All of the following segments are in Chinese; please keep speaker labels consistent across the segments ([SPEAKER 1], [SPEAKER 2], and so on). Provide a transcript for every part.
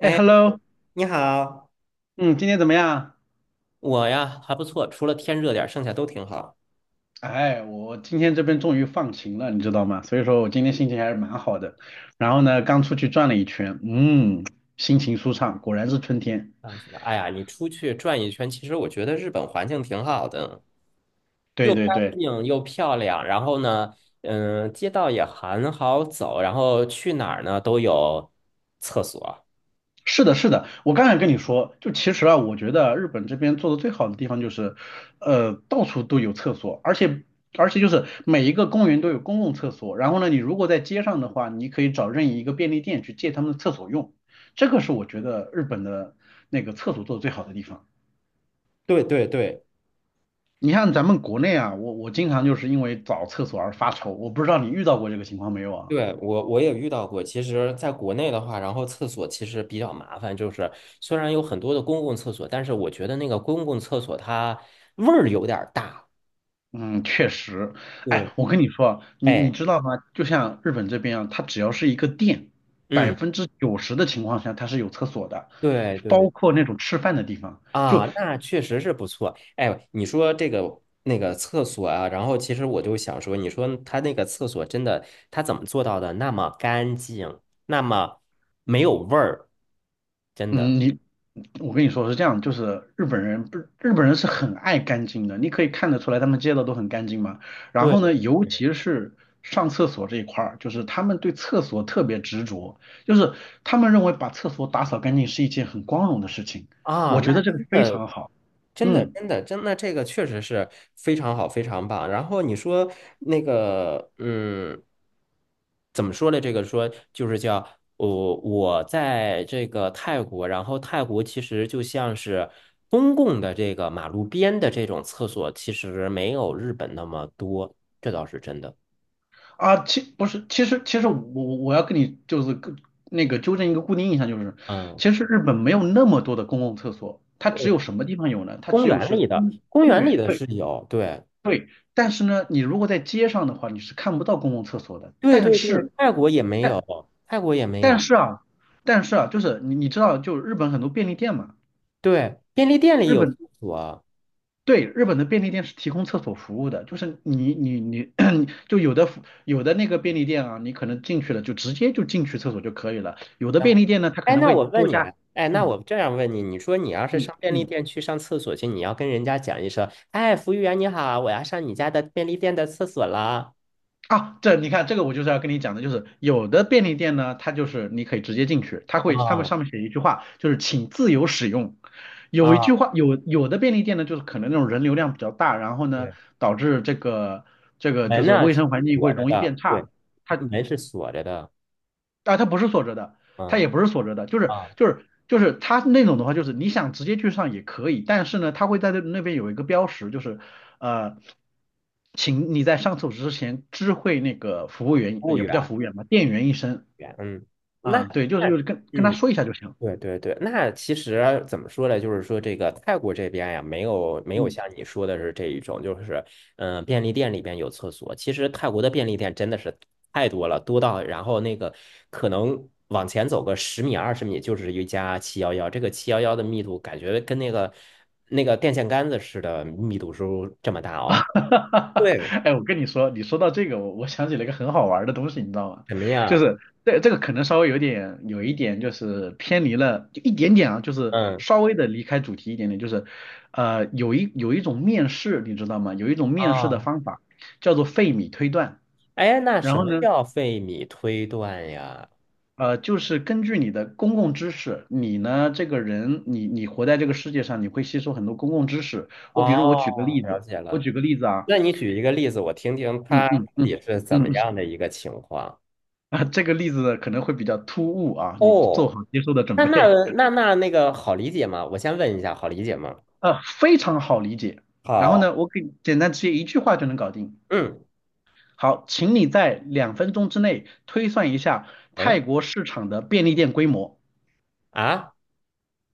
[SPEAKER 1] 哎，hello，
[SPEAKER 2] 你好。
[SPEAKER 1] 嗯，今天怎么样？
[SPEAKER 2] 我呀还不错，除了天热点儿，剩下都挺好。
[SPEAKER 1] 哎，我今天这边终于放晴了，你知道吗？所以说我今天心情还是蛮好的。然后呢，刚出去转了一圈，心情舒畅，果然是春天。
[SPEAKER 2] 啊，什么？哎呀，你出去转一圈，其实我觉得日本环境挺好的，
[SPEAKER 1] 对
[SPEAKER 2] 又干
[SPEAKER 1] 对对，
[SPEAKER 2] 净又漂亮。然后呢，街道也很好走，然后去哪儿呢都有厕所。
[SPEAKER 1] 是的，是的，我刚才跟你说，就其实啊，我觉得日本这边做的最好的地方就是，到处都有厕所，而且就是每一个公园都有公共厕所。然后呢，你如果在街上的话，你可以找任意一个便利店去借他们的厕所用。这个是我觉得日本的那个厕所做的最好的地方。
[SPEAKER 2] 对对对。
[SPEAKER 1] 你看咱们国内啊，我经常就是因为找厕所而发愁，我不知道你遇到过这个情况没有啊？
[SPEAKER 2] 对，我也遇到过。其实，在国内的话，然后厕所其实比较麻烦，就是虽然有很多的公共厕所，但是我觉得那个公共厕所它味儿有点儿大。
[SPEAKER 1] 嗯，确实，哎，
[SPEAKER 2] 对。
[SPEAKER 1] 我跟你说，你
[SPEAKER 2] 哎。
[SPEAKER 1] 知道吗？就像日本这边啊，它只要是一个店，百
[SPEAKER 2] 嗯。
[SPEAKER 1] 分之九十的情况下它是有厕所的，
[SPEAKER 2] 对
[SPEAKER 1] 包
[SPEAKER 2] 对。
[SPEAKER 1] 括那种吃饭的地方。就
[SPEAKER 2] 啊，那确实是不错。哎，你说这个那个厕所啊，然后其实我就想说，你说他那个厕所真的，他怎么做到的那么干净，那么没有味儿？真的。
[SPEAKER 1] 嗯，你我跟你说是这样，就是日本人不，日本人是很爱干净的，你可以看得出来他们街道都很干净嘛。然后呢，
[SPEAKER 2] 对
[SPEAKER 1] 尤其是上厕所这一块儿，就是他们对厕所特别执着，就是他们认为把厕所打扫干净是一件很光荣的事情。
[SPEAKER 2] 啊，
[SPEAKER 1] 我觉
[SPEAKER 2] 那
[SPEAKER 1] 得这个
[SPEAKER 2] 真
[SPEAKER 1] 非
[SPEAKER 2] 的，
[SPEAKER 1] 常好。
[SPEAKER 2] 真的，
[SPEAKER 1] 嗯
[SPEAKER 2] 真的，真的，这个确实是非常好，非常棒。然后你说那个，怎么说呢？这个说就是叫我在这个泰国，然后泰国其实就像是公共的这个马路边的这种厕所，其实没有日本那么多，这倒是真的。
[SPEAKER 1] 其不是，其实我要跟你就是跟那个纠正一个固定印象，就是
[SPEAKER 2] 嗯。
[SPEAKER 1] 其实日本没有那么多的公共厕所，它只
[SPEAKER 2] 哦，
[SPEAKER 1] 有什么地方有呢？它
[SPEAKER 2] 公
[SPEAKER 1] 只有
[SPEAKER 2] 园
[SPEAKER 1] 是
[SPEAKER 2] 里的，
[SPEAKER 1] 公
[SPEAKER 2] 公
[SPEAKER 1] 公
[SPEAKER 2] 园里
[SPEAKER 1] 园，
[SPEAKER 2] 的
[SPEAKER 1] 对
[SPEAKER 2] 是有。对。
[SPEAKER 1] 对。但是呢，你如果在街上的话，你是看不到公共厕所的。
[SPEAKER 2] 对
[SPEAKER 1] 但
[SPEAKER 2] 对对，
[SPEAKER 1] 是
[SPEAKER 2] 泰国也没
[SPEAKER 1] 但
[SPEAKER 2] 有，泰国也没
[SPEAKER 1] 但
[SPEAKER 2] 有。
[SPEAKER 1] 是啊，但是啊,就是你知道，就是日本很多便利店嘛，
[SPEAKER 2] 对，便利店里
[SPEAKER 1] 日
[SPEAKER 2] 有
[SPEAKER 1] 本
[SPEAKER 2] 厕所。
[SPEAKER 1] 对，日本的便利店是提供厕所服务的，就是你，就有的便利店啊，你可能进去了就直接就进去厕所就可以了，有的
[SPEAKER 2] 然
[SPEAKER 1] 便
[SPEAKER 2] 后，
[SPEAKER 1] 利店呢，它可
[SPEAKER 2] 哎，
[SPEAKER 1] 能
[SPEAKER 2] 那
[SPEAKER 1] 会
[SPEAKER 2] 我问
[SPEAKER 1] 多
[SPEAKER 2] 你，
[SPEAKER 1] 加，
[SPEAKER 2] 哎，那
[SPEAKER 1] 嗯
[SPEAKER 2] 我这样问你，你说你要是
[SPEAKER 1] 嗯
[SPEAKER 2] 上便利
[SPEAKER 1] 嗯，
[SPEAKER 2] 店去上厕所去，你要跟人家讲一声，哎，服务员你好，我要上你家的便利店的厕所了。
[SPEAKER 1] 啊，这你看这个我就是要跟你讲的，就是有的便利店呢，它就是你可以直接进去，它会他们
[SPEAKER 2] 啊
[SPEAKER 1] 上面写一句话，就是请自由使用，有一句
[SPEAKER 2] 啊。
[SPEAKER 1] 话有有的便利店呢，就是可能那种人流量比较大，然后呢
[SPEAKER 2] 对，
[SPEAKER 1] 导致这个就
[SPEAKER 2] 门
[SPEAKER 1] 是
[SPEAKER 2] 呢
[SPEAKER 1] 卫
[SPEAKER 2] 是
[SPEAKER 1] 生环境会
[SPEAKER 2] 锁着
[SPEAKER 1] 容易变
[SPEAKER 2] 的。对，
[SPEAKER 1] 差。它
[SPEAKER 2] 门是锁着的。
[SPEAKER 1] 它不是锁着的，它
[SPEAKER 2] 嗯
[SPEAKER 1] 也不是锁着的，就是
[SPEAKER 2] 啊，
[SPEAKER 1] 就是就是它那种的话，就是你想直接去上也可以，但是呢，它会在那边有一个标识，就是呃，请你在上厕所之前知会那个服务员，
[SPEAKER 2] 服务
[SPEAKER 1] 也不叫
[SPEAKER 2] 员，
[SPEAKER 1] 服务员吧，店员一声
[SPEAKER 2] 员嗯。那
[SPEAKER 1] 啊，对，就是
[SPEAKER 2] 那
[SPEAKER 1] 跟他
[SPEAKER 2] 嗯。
[SPEAKER 1] 说一下就行，
[SPEAKER 2] 对对对，那其实怎么说呢？就是说这个泰国这边呀，没有
[SPEAKER 1] 嗯。
[SPEAKER 2] 像你说的是这一种，就是便利店里边有厕所。其实泰国的便利店真的是太多了，多到然后那个可能往前走个十米20米就是一家七幺幺，这个七幺幺的密度感觉跟那个电线杆子似的，密度是这么大
[SPEAKER 1] 哈
[SPEAKER 2] 哦。
[SPEAKER 1] 哈哈！
[SPEAKER 2] 对。
[SPEAKER 1] 哎，我跟你说，你说到这个，我想起了一个很好玩儿的东西，你知道吗？
[SPEAKER 2] 什么
[SPEAKER 1] 就
[SPEAKER 2] 呀？
[SPEAKER 1] 是这个可能稍微有一点就是偏离了，就一点点啊，就是
[SPEAKER 2] 嗯
[SPEAKER 1] 稍微的离开主题一点点，就是有一种面试，你知道吗？有一种面试的
[SPEAKER 2] 啊。
[SPEAKER 1] 方法叫做费米推断，
[SPEAKER 2] 哎，那
[SPEAKER 1] 然
[SPEAKER 2] 什
[SPEAKER 1] 后
[SPEAKER 2] 么
[SPEAKER 1] 呢，
[SPEAKER 2] 叫费米推断呀？
[SPEAKER 1] 就是根据你的公共知识，你呢这个人，你活在这个世界上，你会吸收很多公共知识。我比如
[SPEAKER 2] 哦，了解
[SPEAKER 1] 我
[SPEAKER 2] 了。
[SPEAKER 1] 举个例子啊，
[SPEAKER 2] 那你举一个例子，我听听
[SPEAKER 1] 嗯
[SPEAKER 2] 他
[SPEAKER 1] 嗯
[SPEAKER 2] 到
[SPEAKER 1] 嗯
[SPEAKER 2] 底是怎
[SPEAKER 1] 嗯。
[SPEAKER 2] 么
[SPEAKER 1] 嗯
[SPEAKER 2] 样的一个情况？
[SPEAKER 1] 啊，这个例子可能会比较突兀啊，你做
[SPEAKER 2] 哦，
[SPEAKER 1] 好接受的准
[SPEAKER 2] 那那
[SPEAKER 1] 备。
[SPEAKER 2] 那个好理解吗？我先问一下，好理解吗？
[SPEAKER 1] 啊，非常好理解。然后
[SPEAKER 2] 好。
[SPEAKER 1] 呢，我给简单直接一句话就能搞定。
[SPEAKER 2] 嗯
[SPEAKER 1] 好，请你在两分钟之内推算一下泰
[SPEAKER 2] 嗯。
[SPEAKER 1] 国市场的便利店规模
[SPEAKER 2] 啊。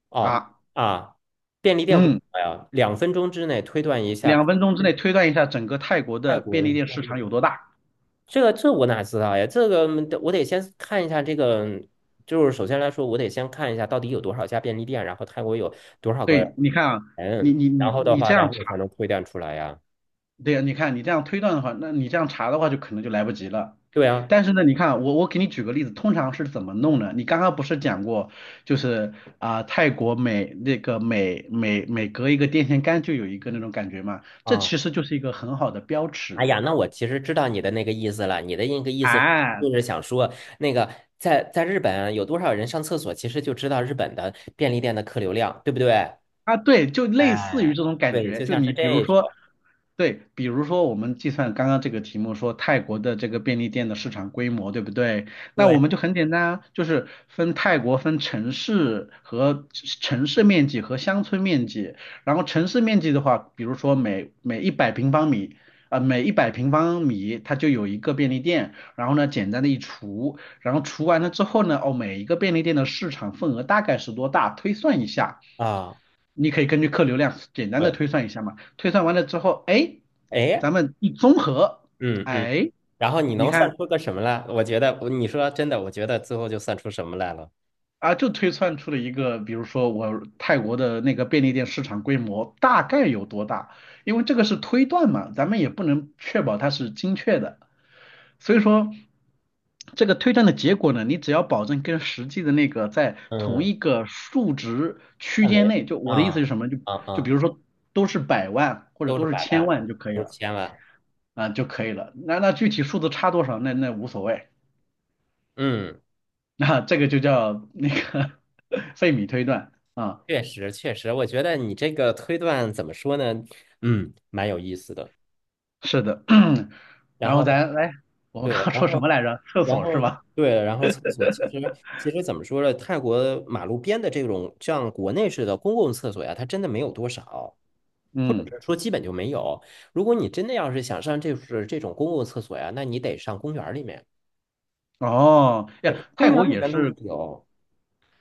[SPEAKER 2] 哦。
[SPEAKER 1] 啊，
[SPEAKER 2] 啊，便利店广
[SPEAKER 1] 嗯，
[SPEAKER 2] 告呀，2分钟之内推断一
[SPEAKER 1] 两
[SPEAKER 2] 下
[SPEAKER 1] 分钟之内推断一下整个泰国
[SPEAKER 2] 外
[SPEAKER 1] 的
[SPEAKER 2] 国
[SPEAKER 1] 便
[SPEAKER 2] 的
[SPEAKER 1] 利店
[SPEAKER 2] 便
[SPEAKER 1] 市
[SPEAKER 2] 利
[SPEAKER 1] 场有
[SPEAKER 2] 店。
[SPEAKER 1] 多大。
[SPEAKER 2] 这我哪知道呀？这个我得先看一下这个，就是首先来说，我得先看一下到底有多少家便利店，然后泰国有多少个
[SPEAKER 1] 对，你看啊，你
[SPEAKER 2] 人，
[SPEAKER 1] 你你
[SPEAKER 2] 然后的
[SPEAKER 1] 你
[SPEAKER 2] 话，
[SPEAKER 1] 这
[SPEAKER 2] 然
[SPEAKER 1] 样
[SPEAKER 2] 后我才能推断出来呀。
[SPEAKER 1] 对呀，你看你这样推断的话，那你这样查的话，就可能就来不及了。
[SPEAKER 2] 对啊。
[SPEAKER 1] 但是呢，你看我给你举个例子，通常是怎么弄呢？你刚刚不是讲过，就是啊、泰国每每隔一个电线杆就有一个那种感觉嘛，这
[SPEAKER 2] 啊，
[SPEAKER 1] 其实就是一个很好的标
[SPEAKER 2] 哎呀，
[SPEAKER 1] 尺
[SPEAKER 2] 那我其实知道你的那个意思了。你的那个意思
[SPEAKER 1] 啊。
[SPEAKER 2] 就是想说，那个在日本有多少人上厕所，其实就知道日本的便利店的客流量，对不对？
[SPEAKER 1] 啊，对，就类似于
[SPEAKER 2] 哎，
[SPEAKER 1] 这种感
[SPEAKER 2] 对，
[SPEAKER 1] 觉，
[SPEAKER 2] 就
[SPEAKER 1] 就
[SPEAKER 2] 像是
[SPEAKER 1] 你比如
[SPEAKER 2] 这
[SPEAKER 1] 说，
[SPEAKER 2] 种。
[SPEAKER 1] 对，比如说我们计算刚刚这个题目说泰国的这个便利店的市场规模，对不对？那
[SPEAKER 2] 对
[SPEAKER 1] 我们就很简单啊，就是分泰国分城市和城市面积和乡村面积，然后城市面积的话，比如说每一百平方米。呃，每一百平方米它就有一个便利店，然后呢，简单的一除，然后除完了之后呢，哦，每一个便利店的市场份额大概是多大，推算一下，
[SPEAKER 2] 啊，
[SPEAKER 1] 你可以根据客流量简单的
[SPEAKER 2] 对。
[SPEAKER 1] 推算一下嘛。推算完了之后，哎，
[SPEAKER 2] 哎。
[SPEAKER 1] 咱们一综合，
[SPEAKER 2] 嗯嗯。
[SPEAKER 1] 哎，
[SPEAKER 2] 然后你
[SPEAKER 1] 你
[SPEAKER 2] 能算
[SPEAKER 1] 看
[SPEAKER 2] 出个什么来？我觉得你说真的，我觉得最后就算出什么来了。
[SPEAKER 1] 啊，就推算出了一个，比如说我泰国的那个便利店市场规模大概有多大，因为这个是推断嘛，咱们也不能确保它是精确的，所以说。这个推断的结果呢，你只要保证跟实际的那个在同
[SPEAKER 2] 嗯，
[SPEAKER 1] 一个数值区
[SPEAKER 2] 范
[SPEAKER 1] 间
[SPEAKER 2] 围。
[SPEAKER 1] 内，就我的意
[SPEAKER 2] 啊
[SPEAKER 1] 思是什么？
[SPEAKER 2] 啊
[SPEAKER 1] 就比
[SPEAKER 2] 啊，
[SPEAKER 1] 如说都是百万或者
[SPEAKER 2] 都是
[SPEAKER 1] 都是
[SPEAKER 2] 百万，
[SPEAKER 1] 千
[SPEAKER 2] 啊
[SPEAKER 1] 万就可以
[SPEAKER 2] 都是
[SPEAKER 1] 了。
[SPEAKER 2] 千万。
[SPEAKER 1] 啊就可以了。那那具体数字差多少，那那无所谓，
[SPEAKER 2] 嗯。
[SPEAKER 1] 这个就叫费米推断啊，
[SPEAKER 2] 确实，确实，我觉得你这个推断怎么说呢？蛮有意思的。
[SPEAKER 1] 是的。
[SPEAKER 2] 然
[SPEAKER 1] 然后
[SPEAKER 2] 后，
[SPEAKER 1] 咱来，我们刚
[SPEAKER 2] 对，
[SPEAKER 1] 刚说什么来着？厕所是吧？
[SPEAKER 2] 对，然后厕所其实怎么说呢？泰国马路边的这种像国内式的公共厕所呀，它真的没有多少，或者
[SPEAKER 1] 嗯，
[SPEAKER 2] 是说基本就没有。如果你真的要是想上这是这种公共厕所呀，那你得上公园儿里面。
[SPEAKER 1] 哦呀，
[SPEAKER 2] 对，公
[SPEAKER 1] 泰
[SPEAKER 2] 园儿
[SPEAKER 1] 国
[SPEAKER 2] 里
[SPEAKER 1] 也
[SPEAKER 2] 面都是
[SPEAKER 1] 是，
[SPEAKER 2] 有。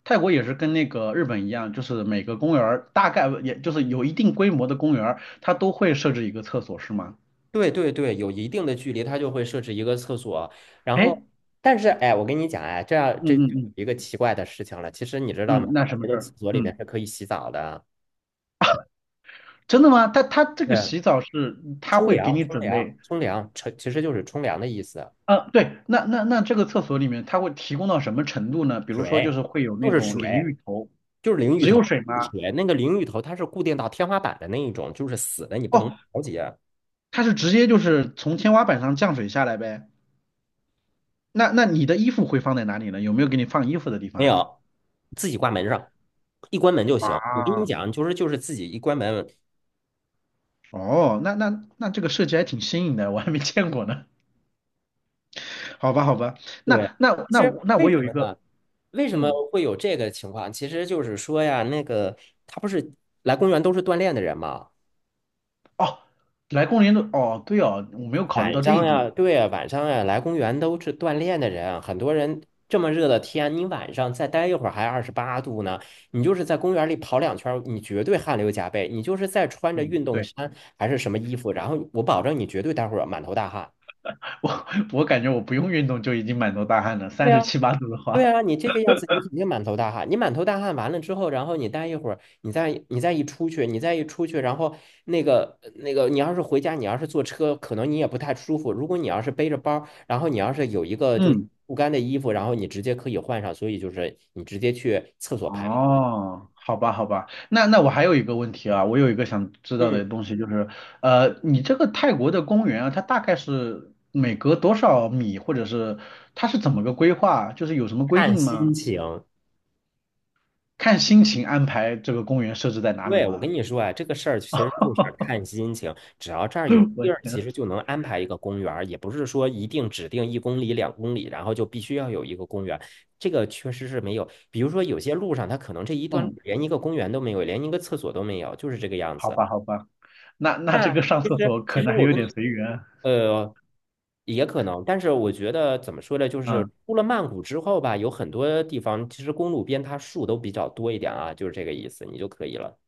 [SPEAKER 1] 泰国也是跟那个日本一样，就是每个公园儿大概也就是有一定规模的公园儿，它都会设置一个厕所是吗？
[SPEAKER 2] 对对对，有一定的距离，它就会设置一个厕所。然后，
[SPEAKER 1] 哎，
[SPEAKER 2] 但是哎，我跟你讲哎，这样这就
[SPEAKER 1] 嗯嗯
[SPEAKER 2] 有
[SPEAKER 1] 嗯
[SPEAKER 2] 一个奇怪的事情了。其实你知道吗？
[SPEAKER 1] 嗯，那
[SPEAKER 2] 泰
[SPEAKER 1] 什么
[SPEAKER 2] 国
[SPEAKER 1] 事
[SPEAKER 2] 的厕
[SPEAKER 1] 儿？
[SPEAKER 2] 所里面
[SPEAKER 1] 嗯，
[SPEAKER 2] 是可以洗澡的。
[SPEAKER 1] 真的吗？他这个
[SPEAKER 2] 对，
[SPEAKER 1] 洗澡是他
[SPEAKER 2] 冲
[SPEAKER 1] 会给
[SPEAKER 2] 凉、
[SPEAKER 1] 你
[SPEAKER 2] 冲
[SPEAKER 1] 准
[SPEAKER 2] 凉、
[SPEAKER 1] 备。
[SPEAKER 2] 冲凉，冲其实就是冲凉的意思。
[SPEAKER 1] 啊，对，那那那这个厕所里面，它会提供到什么程度呢？比如说，就
[SPEAKER 2] 水
[SPEAKER 1] 是会有
[SPEAKER 2] 就
[SPEAKER 1] 那
[SPEAKER 2] 是
[SPEAKER 1] 种淋
[SPEAKER 2] 水，
[SPEAKER 1] 浴头，
[SPEAKER 2] 就是淋浴
[SPEAKER 1] 只
[SPEAKER 2] 头，
[SPEAKER 1] 有水吗？
[SPEAKER 2] 水那个淋浴头它是固定到天花板的那一种，就是死的，你不能
[SPEAKER 1] 哦，
[SPEAKER 2] 调节。
[SPEAKER 1] 它是直接就是从天花板上降水下来呗。那那你的衣服会放在哪里呢？有没有给你放衣服的地方
[SPEAKER 2] 没
[SPEAKER 1] 啊？
[SPEAKER 2] 有，自己挂门上，一关门就行。
[SPEAKER 1] 啊，
[SPEAKER 2] 我跟你讲，就是自己一关门。
[SPEAKER 1] 哦，那那那这个设计还挺新颖的，我还没见过呢。好吧，好吧，
[SPEAKER 2] 对。
[SPEAKER 1] 那那
[SPEAKER 2] 其
[SPEAKER 1] 那
[SPEAKER 2] 实
[SPEAKER 1] 我那
[SPEAKER 2] 为
[SPEAKER 1] 我
[SPEAKER 2] 什
[SPEAKER 1] 有一
[SPEAKER 2] 么
[SPEAKER 1] 个，
[SPEAKER 2] 呢？为什么
[SPEAKER 1] 嗯，
[SPEAKER 2] 会有这个情况？其实就是说呀，那个他不是来公园都是锻炼的人嘛，
[SPEAKER 1] 哦，来公园的，哦，对哦，我没有考虑
[SPEAKER 2] 晚
[SPEAKER 1] 到这一
[SPEAKER 2] 上
[SPEAKER 1] 点，
[SPEAKER 2] 呀，对呀，晚上呀，来公园都是锻炼的人。很多人这么热的天，你晚上再待一会儿还28度呢，你就是在公园里跑2圈儿你绝对汗流浃背。你就是再穿着
[SPEAKER 1] 嗯，
[SPEAKER 2] 运动
[SPEAKER 1] 对。
[SPEAKER 2] 衫还是什么衣服，然后我保证你绝对待会儿满头大汗。
[SPEAKER 1] 我我感觉我不用运动就已经满头大汗了，
[SPEAKER 2] 对
[SPEAKER 1] 三十
[SPEAKER 2] 呀。
[SPEAKER 1] 七八度的
[SPEAKER 2] 对
[SPEAKER 1] 话。
[SPEAKER 2] 啊，你这个样子，你肯定满头大汗。你满头大汗完了之后，然后你待一会儿，你再一出去，你再一出去，然后你要是回家，你要是坐车，可能你也不太舒服。如果你要是背着包儿然后你要是有一个就是
[SPEAKER 1] 嗯，
[SPEAKER 2] 不干的衣服，然后你直接可以换上，所以就是你直接去厕所排个队。
[SPEAKER 1] 哦，好吧，好吧，那那我还有一个问题啊，我有一个想知道的
[SPEAKER 2] 嗯，
[SPEAKER 1] 东西，就是，你这个泰国的公园啊，它大概是每隔多少米，或者是它是怎么个规划，就是有什么规
[SPEAKER 2] 看
[SPEAKER 1] 定
[SPEAKER 2] 心
[SPEAKER 1] 吗？
[SPEAKER 2] 情。
[SPEAKER 1] 看心情安排这个公园设置在哪里
[SPEAKER 2] 对，我跟
[SPEAKER 1] 吗？
[SPEAKER 2] 你说啊，这个事儿其实就是看心情，只要这儿有 地
[SPEAKER 1] 我
[SPEAKER 2] 儿，
[SPEAKER 1] 天，
[SPEAKER 2] 其实就能安排一个公园儿，也不是说一定指定1公里、2公里，然后就必须要有一个公园。这个确实是没有，比如说有些路上，它可能这一段路
[SPEAKER 1] 嗯，
[SPEAKER 2] 连一个公园都没有，连一个厕所都没有，就是这个样
[SPEAKER 1] 好
[SPEAKER 2] 子。
[SPEAKER 1] 吧，好吧，那那这
[SPEAKER 2] 那
[SPEAKER 1] 个上
[SPEAKER 2] 其
[SPEAKER 1] 厕
[SPEAKER 2] 实，
[SPEAKER 1] 所
[SPEAKER 2] 其
[SPEAKER 1] 可
[SPEAKER 2] 实
[SPEAKER 1] 能还
[SPEAKER 2] 我
[SPEAKER 1] 有
[SPEAKER 2] 跟你
[SPEAKER 1] 点随缘，
[SPEAKER 2] 呃，也可能，但是我觉得怎么说呢，就是
[SPEAKER 1] 嗯
[SPEAKER 2] 出了曼谷之后吧，有很多地方其实公路边它树都比较多一点啊，就是这个意思，你就可以了。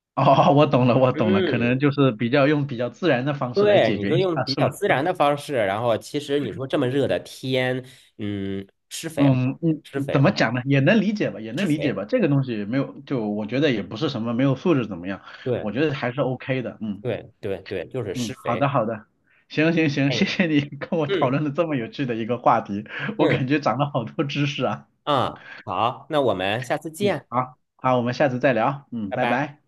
[SPEAKER 1] 哦，我懂了，我懂了，可能
[SPEAKER 2] 嗯。
[SPEAKER 1] 就是比较用比较自然的方式来
[SPEAKER 2] 对，
[SPEAKER 1] 解
[SPEAKER 2] 你
[SPEAKER 1] 决
[SPEAKER 2] 就
[SPEAKER 1] 一
[SPEAKER 2] 用
[SPEAKER 1] 下，
[SPEAKER 2] 比
[SPEAKER 1] 是
[SPEAKER 2] 较
[SPEAKER 1] 不
[SPEAKER 2] 自
[SPEAKER 1] 是？
[SPEAKER 2] 然的方式，然后其实你说这么热的天，嗯，施肥吗，
[SPEAKER 1] 嗯，嗯，
[SPEAKER 2] 施肥
[SPEAKER 1] 怎么
[SPEAKER 2] 嘛，
[SPEAKER 1] 讲呢？也能理解吧，也
[SPEAKER 2] 施
[SPEAKER 1] 能理解
[SPEAKER 2] 肥。
[SPEAKER 1] 吧。这个东西没有，就我觉得也不是什么没有素质怎么样，我
[SPEAKER 2] 对
[SPEAKER 1] 觉得还是 OK 的。嗯
[SPEAKER 2] 对对对，就是施
[SPEAKER 1] 嗯，好
[SPEAKER 2] 肥。
[SPEAKER 1] 的好的，行行行，谢
[SPEAKER 2] 哎。
[SPEAKER 1] 谢你跟我讨
[SPEAKER 2] 嗯
[SPEAKER 1] 论了这么有趣的一个话题，我
[SPEAKER 2] 嗯。
[SPEAKER 1] 感觉长了好多知识啊。
[SPEAKER 2] 啊，好，那我们下次
[SPEAKER 1] 嗯，
[SPEAKER 2] 见。
[SPEAKER 1] 好好，我们下次再聊。嗯，
[SPEAKER 2] 拜
[SPEAKER 1] 拜
[SPEAKER 2] 拜。
[SPEAKER 1] 拜。